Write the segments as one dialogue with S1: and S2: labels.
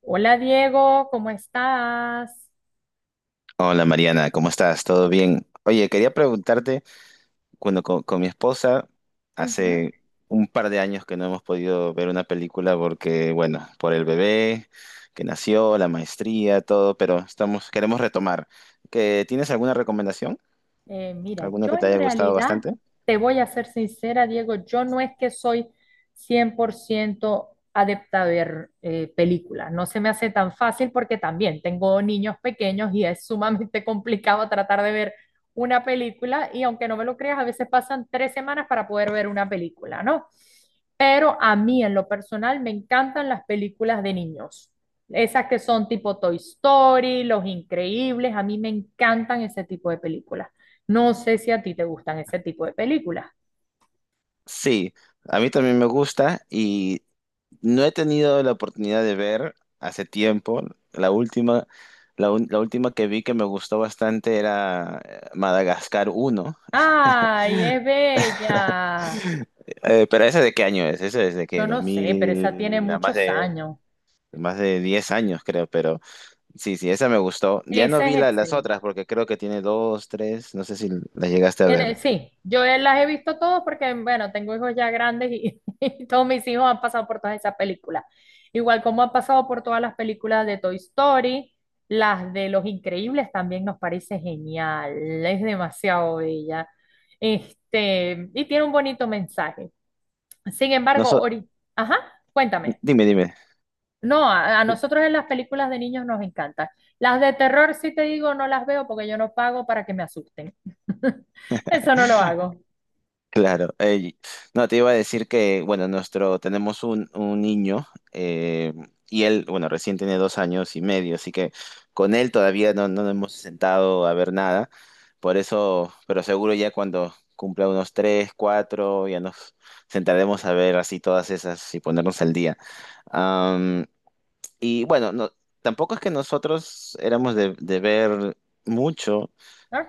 S1: Hola Diego, ¿cómo estás?
S2: Hola Mariana, ¿cómo estás? ¿Todo bien? Oye, quería preguntarte, cuando con mi esposa,
S1: Ujú.
S2: hace un par de años que no hemos podido ver una película porque, bueno, por el bebé que nació, la maestría, todo, pero estamos, queremos retomar. ¿Que tienes alguna recomendación?
S1: Mira,
S2: ¿Alguna
S1: yo
S2: que te
S1: en
S2: haya gustado
S1: realidad,
S2: bastante?
S1: te voy a ser sincera, Diego, yo no es que soy 100% adepta a ver películas, no se me hace tan fácil porque también tengo niños pequeños y es sumamente complicado tratar de ver una película y aunque no me lo creas, a veces pasan 3 semanas para poder ver una película, ¿no? Pero a mí en lo personal me encantan las películas de niños. Esas que son tipo Toy Story, Los Increíbles, a mí me encantan ese tipo de películas. No sé si a ti te gustan ese tipo de películas.
S2: Sí, a mí también me gusta y no he tenido la oportunidad de ver hace tiempo. La última, la última que vi que me gustó bastante era Madagascar uno.
S1: ¡Ay, es bella!
S2: Pero ¿ese de qué año es? Ese es de que
S1: Yo
S2: dos
S1: no sé, pero esa tiene
S2: mil a más
S1: muchos
S2: de,
S1: años.
S2: más de 10 años creo, pero sí, sí, esa me gustó. Ya no
S1: Esa
S2: vi
S1: es
S2: las
S1: excelente.
S2: otras porque creo que tiene dos, tres, no sé si las llegaste a ver.
S1: Sí, yo las he visto todas porque, bueno, tengo hijos ya grandes y, y todos mis hijos han pasado por todas esas películas. Igual como han pasado por todas las películas de Toy Story, las de Los Increíbles también nos parece genial. Es demasiado bella. Este, y tiene un bonito mensaje. Sin
S2: No
S1: embargo,
S2: so-
S1: ahorita, ajá, cuéntame.
S2: Dime, dime.
S1: No, a nosotros en las películas de niños nos encantan. Las de terror, sí te digo, no las veo porque yo no pago para que me asusten. Eso no lo hago.
S2: Claro, no, te iba a decir que, bueno, tenemos un niño, eh, y él, bueno, recién tiene 2 años y medio, así que con él todavía no nos hemos sentado a ver nada, por eso, pero seguro ya cuando cumpla unos tres, cuatro, ya nos sentaremos a ver así todas esas y ponernos al día. Am, y bueno, no, tampoco es que nosotros éramos de ver mucho.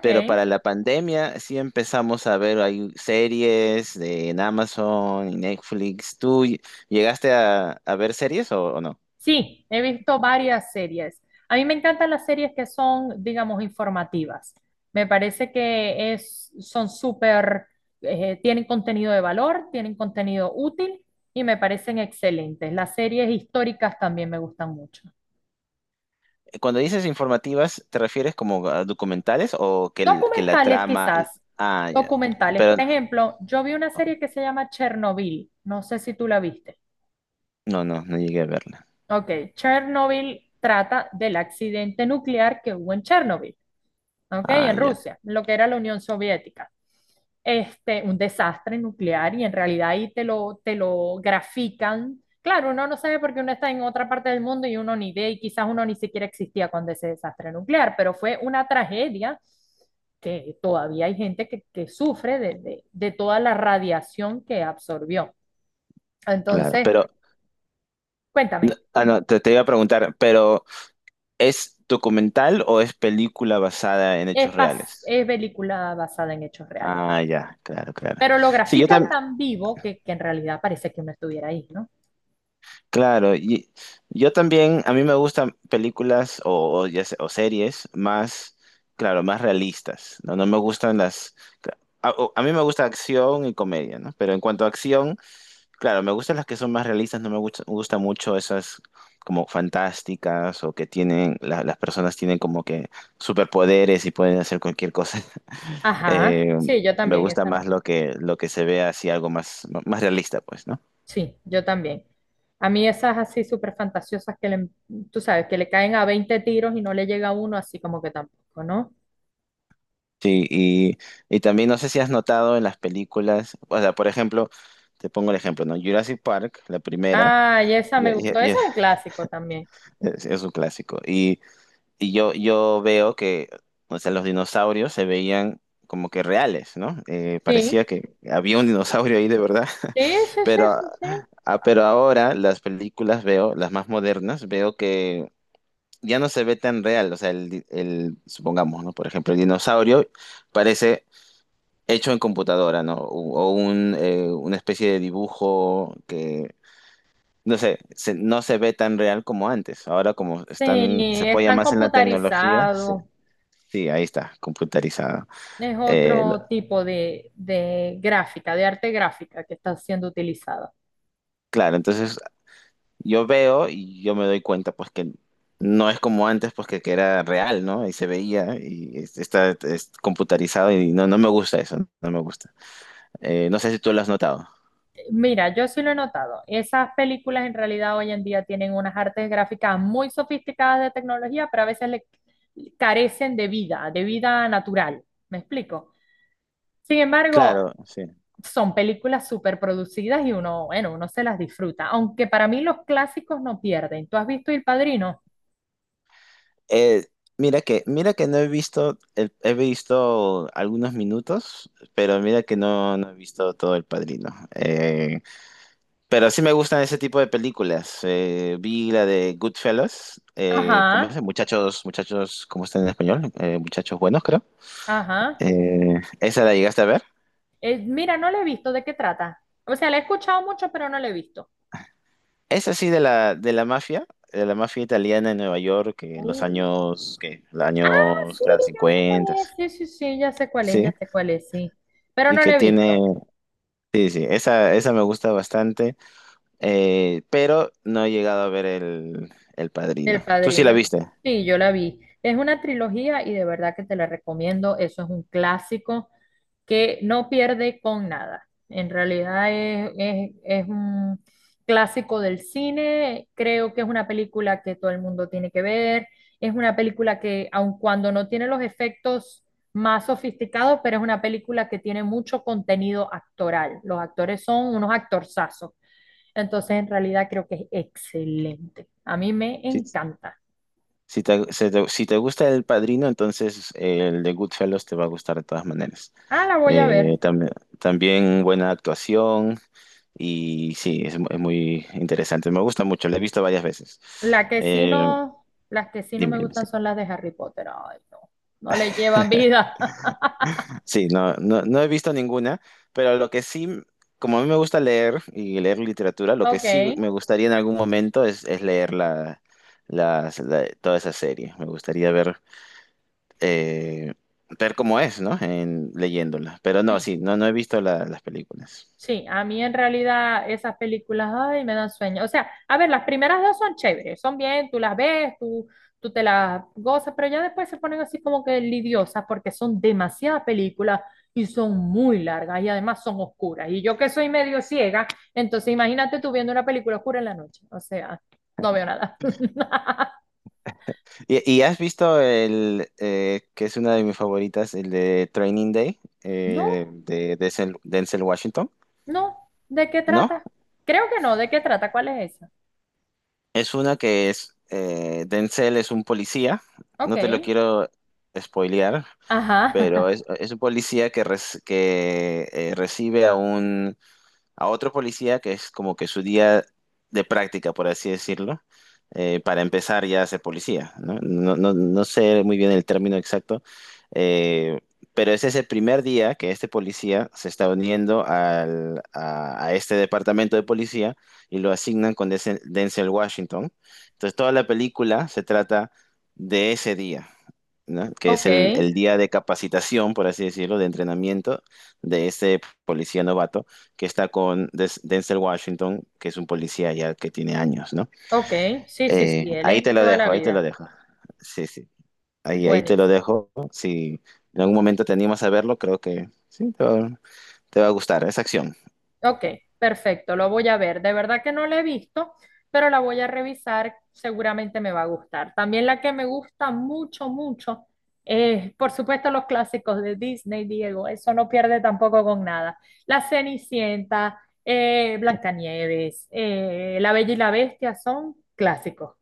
S2: Pero para la pandemia sí empezamos a ver hay series en Amazon y Netflix. ¿Tú llegaste a ver series o no?
S1: Sí, he visto varias series. A mí me encantan las series que son, digamos, informativas. Me parece que es, son súper, tienen contenido de valor, tienen contenido útil y me parecen excelentes. Las series históricas también me gustan mucho.
S2: Cuando dices informativas, ¿te refieres como a documentales o que la
S1: Documentales
S2: trama...
S1: quizás,
S2: Ah, ya.
S1: documentales. Por
S2: Pero,
S1: ejemplo, yo vi una
S2: ok.
S1: serie que se llama Chernobyl, no sé si tú la viste.
S2: No, no, no llegué a verla.
S1: Ok, Chernobyl trata del accidente nuclear que hubo en Chernobyl. ¿Ok?
S2: Ah,
S1: En
S2: ya,
S1: Rusia, lo que era la Unión Soviética. Este, un desastre nuclear y en realidad ahí te lo grafican. Claro, uno no sabe porque uno está en otra parte del mundo y uno ni ve y quizás uno ni siquiera existía cuando ese desastre nuclear, pero fue una tragedia que todavía hay gente que sufre de toda la radiación que absorbió.
S2: claro.
S1: Entonces,
S2: Pero,
S1: cuéntame,
S2: ah, no, te iba a preguntar, pero ¿es documental o es película basada en
S1: es,
S2: hechos reales?
S1: es película basada en hechos reales,
S2: Ah, ya, claro, claro.
S1: pero lo
S2: Sí, yo
S1: grafican
S2: también...
S1: tan vivo que en realidad parece que uno estuviera ahí, ¿no?
S2: Claro, y yo también, a mí me gustan películas o ya o series más, claro, más realistas, ¿no? No me gustan las... A mí me gusta acción y comedia, ¿no? Pero en cuanto a acción, claro, me gustan las que son más realistas, no me gusta, me gusta mucho esas como fantásticas o que tienen, las personas tienen como que superpoderes y pueden hacer cualquier cosa.
S1: Ajá,
S2: Eh,
S1: sí, yo
S2: Me
S1: también,
S2: gusta
S1: esa
S2: más
S1: no.
S2: lo que se ve así, algo más, más realista, pues, ¿no?
S1: Sí, yo también. A mí esas así súper fantasiosas que le, tú sabes, que le caen a 20 tiros y no le llega a uno, así como que tampoco, ¿no?
S2: Sí, y también no sé si has notado en las películas, o sea, por ejemplo, te pongo el ejemplo, ¿no? Jurassic Park, la primera,
S1: Ah, y esa
S2: ya-
S1: me
S2: ya-
S1: gustó, esa
S2: ya,
S1: es un clásico también.
S2: es un clásico. Y yo veo que, o sea, los dinosaurios se veían como que reales, ¿no?
S1: Sí,
S2: Parecía que había un dinosaurio ahí de verdad,
S1: sí, sí, sí,
S2: pero,
S1: sí, sí.
S2: ah, pero ahora las películas veo, las más modernas, veo que ya no se ve tan real, o sea, el, supongamos, ¿no? Por ejemplo, el dinosaurio parece hecho en computadora, ¿no? O una especie de dibujo que, no sé, no se ve tan real como antes. Ahora como
S1: Sí,
S2: están, se apoya
S1: están
S2: más en la tecnología, sí,
S1: computarizados.
S2: sí, ahí está, computarizado.
S1: Es
S2: Eh, lo-
S1: otro tipo de gráfica, de arte gráfica que está siendo utilizada.
S2: claro, entonces yo veo y yo me doy cuenta pues que no es como antes pues que era real, ¿no? Y se veía y está es computarizado y no me gusta eso, no me gusta. No sé si tú lo has notado.
S1: Mira, yo sí lo he notado. Esas películas en realidad hoy en día tienen unas artes gráficas muy sofisticadas de tecnología, pero a veces le carecen de vida natural. ¿Me explico? Sin embargo,
S2: Claro,
S1: son películas súper producidas y uno, bueno, uno se las disfruta. Aunque para mí los clásicos no pierden. ¿Tú has visto El Padrino?
S2: Eh, mira que no he visto, he visto algunos minutos, pero mira que no he visto todo El Padrino. Pero sí me gustan ese tipo de películas. Vi la de Goodfellas, ¿cómo
S1: Ajá,
S2: es? Muchachos, muchachos, ¿cómo está en español? Muchachos buenos, creo.
S1: ajá.
S2: ¿Esa la llegaste a ver?
S1: Mira, no la he visto. ¿De qué trata? O sea, la he escuchado mucho, pero no la he visto.
S2: Esa sí de la mafia, de la mafia italiana en Nueva York, que en los
S1: Uh,
S2: años, que los años,
S1: sí,
S2: claro,
S1: ya sé cuál
S2: 50,
S1: es, sí, sí, sí, ya sé cuál es, ya
S2: sí,
S1: sé cuál es, sí. Pero
S2: y
S1: no lo
S2: que
S1: he
S2: tiene...
S1: visto.
S2: Sí, sí, esa me gusta bastante, pero no he llegado a ver el Padrino.
S1: El
S2: ¿Tú sí
S1: Padrino.
S2: la viste?
S1: Sí, yo la vi. Es una trilogía y de verdad que te la recomiendo. Eso es un clásico que no pierde con nada. En realidad es un clásico del cine. Creo que es una película que todo el mundo tiene que ver. Es una película que, aun cuando no tiene los efectos más sofisticados, pero es una película que tiene mucho contenido actoral. Los actores son unos actorzazos. Entonces, en realidad creo que es excelente. A mí me
S2: Si,
S1: encanta.
S2: si te gusta el Padrino, entonces el de Goodfellas te va a gustar de todas maneras.
S1: Ah, la voy a
S2: Eh,
S1: ver.
S2: tam- también buena actuación y sí, es muy interesante. Me gusta mucho, la he visto varias veces.
S1: La que sí
S2: Eh,
S1: no, las que sí no
S2: Dime,
S1: me
S2: dime.
S1: gustan
S2: Sí.
S1: son las de Harry Potter. Ay, no. No le llevan vida.
S2: Sí, no, no, no he visto ninguna, pero lo que sí, como a mí me gusta leer y leer literatura, lo que
S1: Ok.
S2: sí me gustaría en algún momento es leer toda esa serie. Me gustaría eh, ver cómo es, ¿no? En, leyéndola. Pero no,
S1: Sí.
S2: sí, no, no he visto las películas.
S1: Sí, a mí en realidad esas películas, ay, me dan sueño. O sea, a ver, las primeras dos son chéveres, son bien, tú las ves, tú te las gozas, pero ya después se ponen así como que lidiosas porque son demasiadas películas y son muy largas y además son oscuras. Y yo que soy medio ciega, entonces imagínate tú viendo una película oscura en la noche. O sea, no veo nada.
S2: ¿Y has visto el, que es una de mis favoritas, el de Training Day,
S1: No,
S2: de Denzel Washington?
S1: no, ¿de qué
S2: ¿No?
S1: trata? Creo que no, ¿de qué trata? ¿Cuál es esa?
S2: Es una que es, Denzel es un policía,
S1: Ok,
S2: no te lo quiero spoilear,
S1: ajá,
S2: pero es un policía que recibe a otro policía que es como que su día de práctica, por así decirlo, para empezar ya a ser policía, ¿no? No sé muy bien el término exacto, eh, pero ese es ese primer día que este policía se está uniendo a este departamento de policía y lo asignan con Denzel Washington. Entonces toda la película se trata de ese día, ¿no? Que es el,
S1: ok.
S2: el día de capacitación, por así decirlo, de entrenamiento de este policía novato que está con Denzel Washington, que es un policía ya que tiene años, ¿no?
S1: Ok, sí, sí, sí, él
S2: Ahí
S1: es
S2: te
S1: de
S2: lo
S1: toda la
S2: dejo, ahí te
S1: vida.
S2: lo dejo. Sí, sí, ahí te lo
S1: Buenísimo.
S2: dejo. Si en algún momento te animas a verlo, creo que sí, te va a gustar esa acción.
S1: Ok, perfecto, lo voy a ver. De verdad que no la he visto, pero la voy a revisar, seguramente me va a gustar. También la que me gusta mucho, mucho, es, por supuesto, los clásicos de Disney, Diego, eso no pierde tampoco con nada. La Cenicienta, Blancanieves, La Bella y la Bestia son clásicos.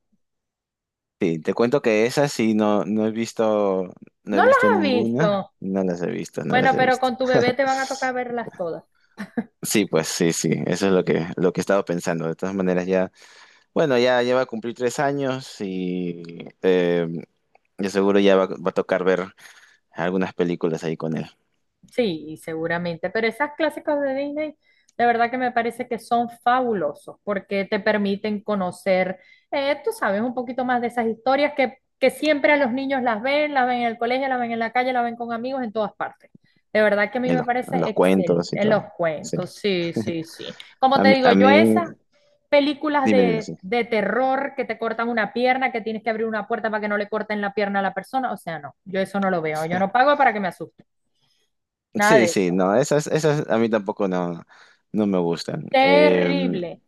S2: Sí, te cuento que esas sí no he visto, no
S1: ¿No
S2: he
S1: las
S2: visto
S1: has
S2: ninguna,
S1: visto?
S2: no las he visto, no
S1: Bueno,
S2: las he
S1: pero
S2: visto.
S1: con tu bebé te van a tocar verlas todas.
S2: Sí, pues sí, sí, eso es lo que estaba pensando. De todas maneras, ya, bueno, ya va a cumplir 3 años y yo seguro ya va a tocar ver algunas películas ahí con él,
S1: Sí, y seguramente, pero esas clásicos de Disney, de verdad que me parece que son fabulosos porque te permiten conocer, tú sabes, un poquito más de esas historias que siempre a los niños las ven en el colegio, las ven en la calle, las ven con amigos en todas partes. De verdad que a mí
S2: en
S1: me
S2: los, en
S1: parece
S2: los
S1: excelente
S2: cuentos y
S1: en los
S2: todo. Sí.
S1: cuentos, sí, sí, sí. Como
S2: A
S1: te
S2: mí,
S1: digo,
S2: a
S1: yo
S2: mí,
S1: esas películas
S2: Dime, dime, sí.
S1: de terror que te cortan una pierna, que tienes que abrir una puerta para que no le corten la pierna a la persona, o sea, no, yo eso no lo veo, yo no pago para que me asusten, nada
S2: Sí,
S1: de
S2: sí,
S1: eso.
S2: no, esas a mí tampoco no me gustan.
S1: Terrible.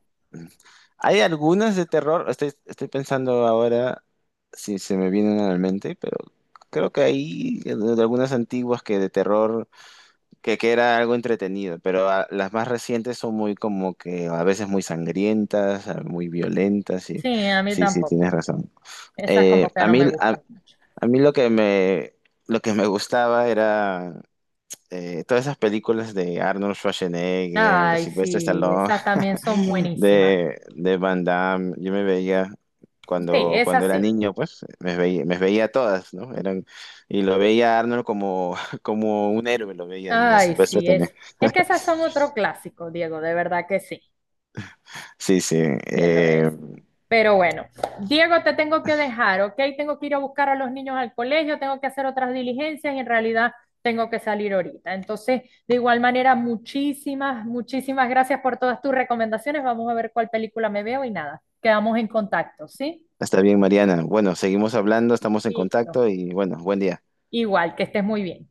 S2: Hay algunas de terror, estoy pensando ahora si se me vienen a la mente, pero creo que hay de algunas antiguas que de terror que era algo entretenido, pero las más recientes son muy como que a veces muy sangrientas, muy violentas, y
S1: Sí, a mí
S2: sí, sí, tienes
S1: tampoco.
S2: razón.
S1: Esas
S2: Eh,
S1: como que
S2: a
S1: no
S2: mí,
S1: me
S2: a,
S1: gustan mucho.
S2: a mí lo que me gustaba era todas esas películas de Arnold Schwarzenegger, de
S1: Ay,
S2: Sylvester
S1: sí,
S2: Stallone,
S1: esas también son buenísimas.
S2: de Van Damme, yo me veía...
S1: Sí,
S2: Cuando
S1: esas sí.
S2: era niño, pues me veía todas, ¿no? Eran, y lo veía a Arnold como, como un héroe, lo veía y a
S1: Ay,
S2: Silvestre
S1: sí,
S2: también.
S1: es. Es que esas son otro clásico, Diego, de verdad que sí.
S2: Sí, sí.
S1: Bien lo es.
S2: eh,
S1: Pero bueno, Diego, te tengo que dejar, ¿ok? Tengo que ir a buscar a los niños al colegio, tengo que hacer otras diligencias y en realidad tengo que salir ahorita. Entonces, de igual manera, muchísimas, muchísimas gracias por todas tus recomendaciones. Vamos a ver cuál película me veo y nada, quedamos en contacto, ¿sí?
S2: Está bien, Mariana. Bueno, seguimos hablando, estamos en
S1: Listo.
S2: contacto y bueno, buen día.
S1: Igual, que estés muy bien.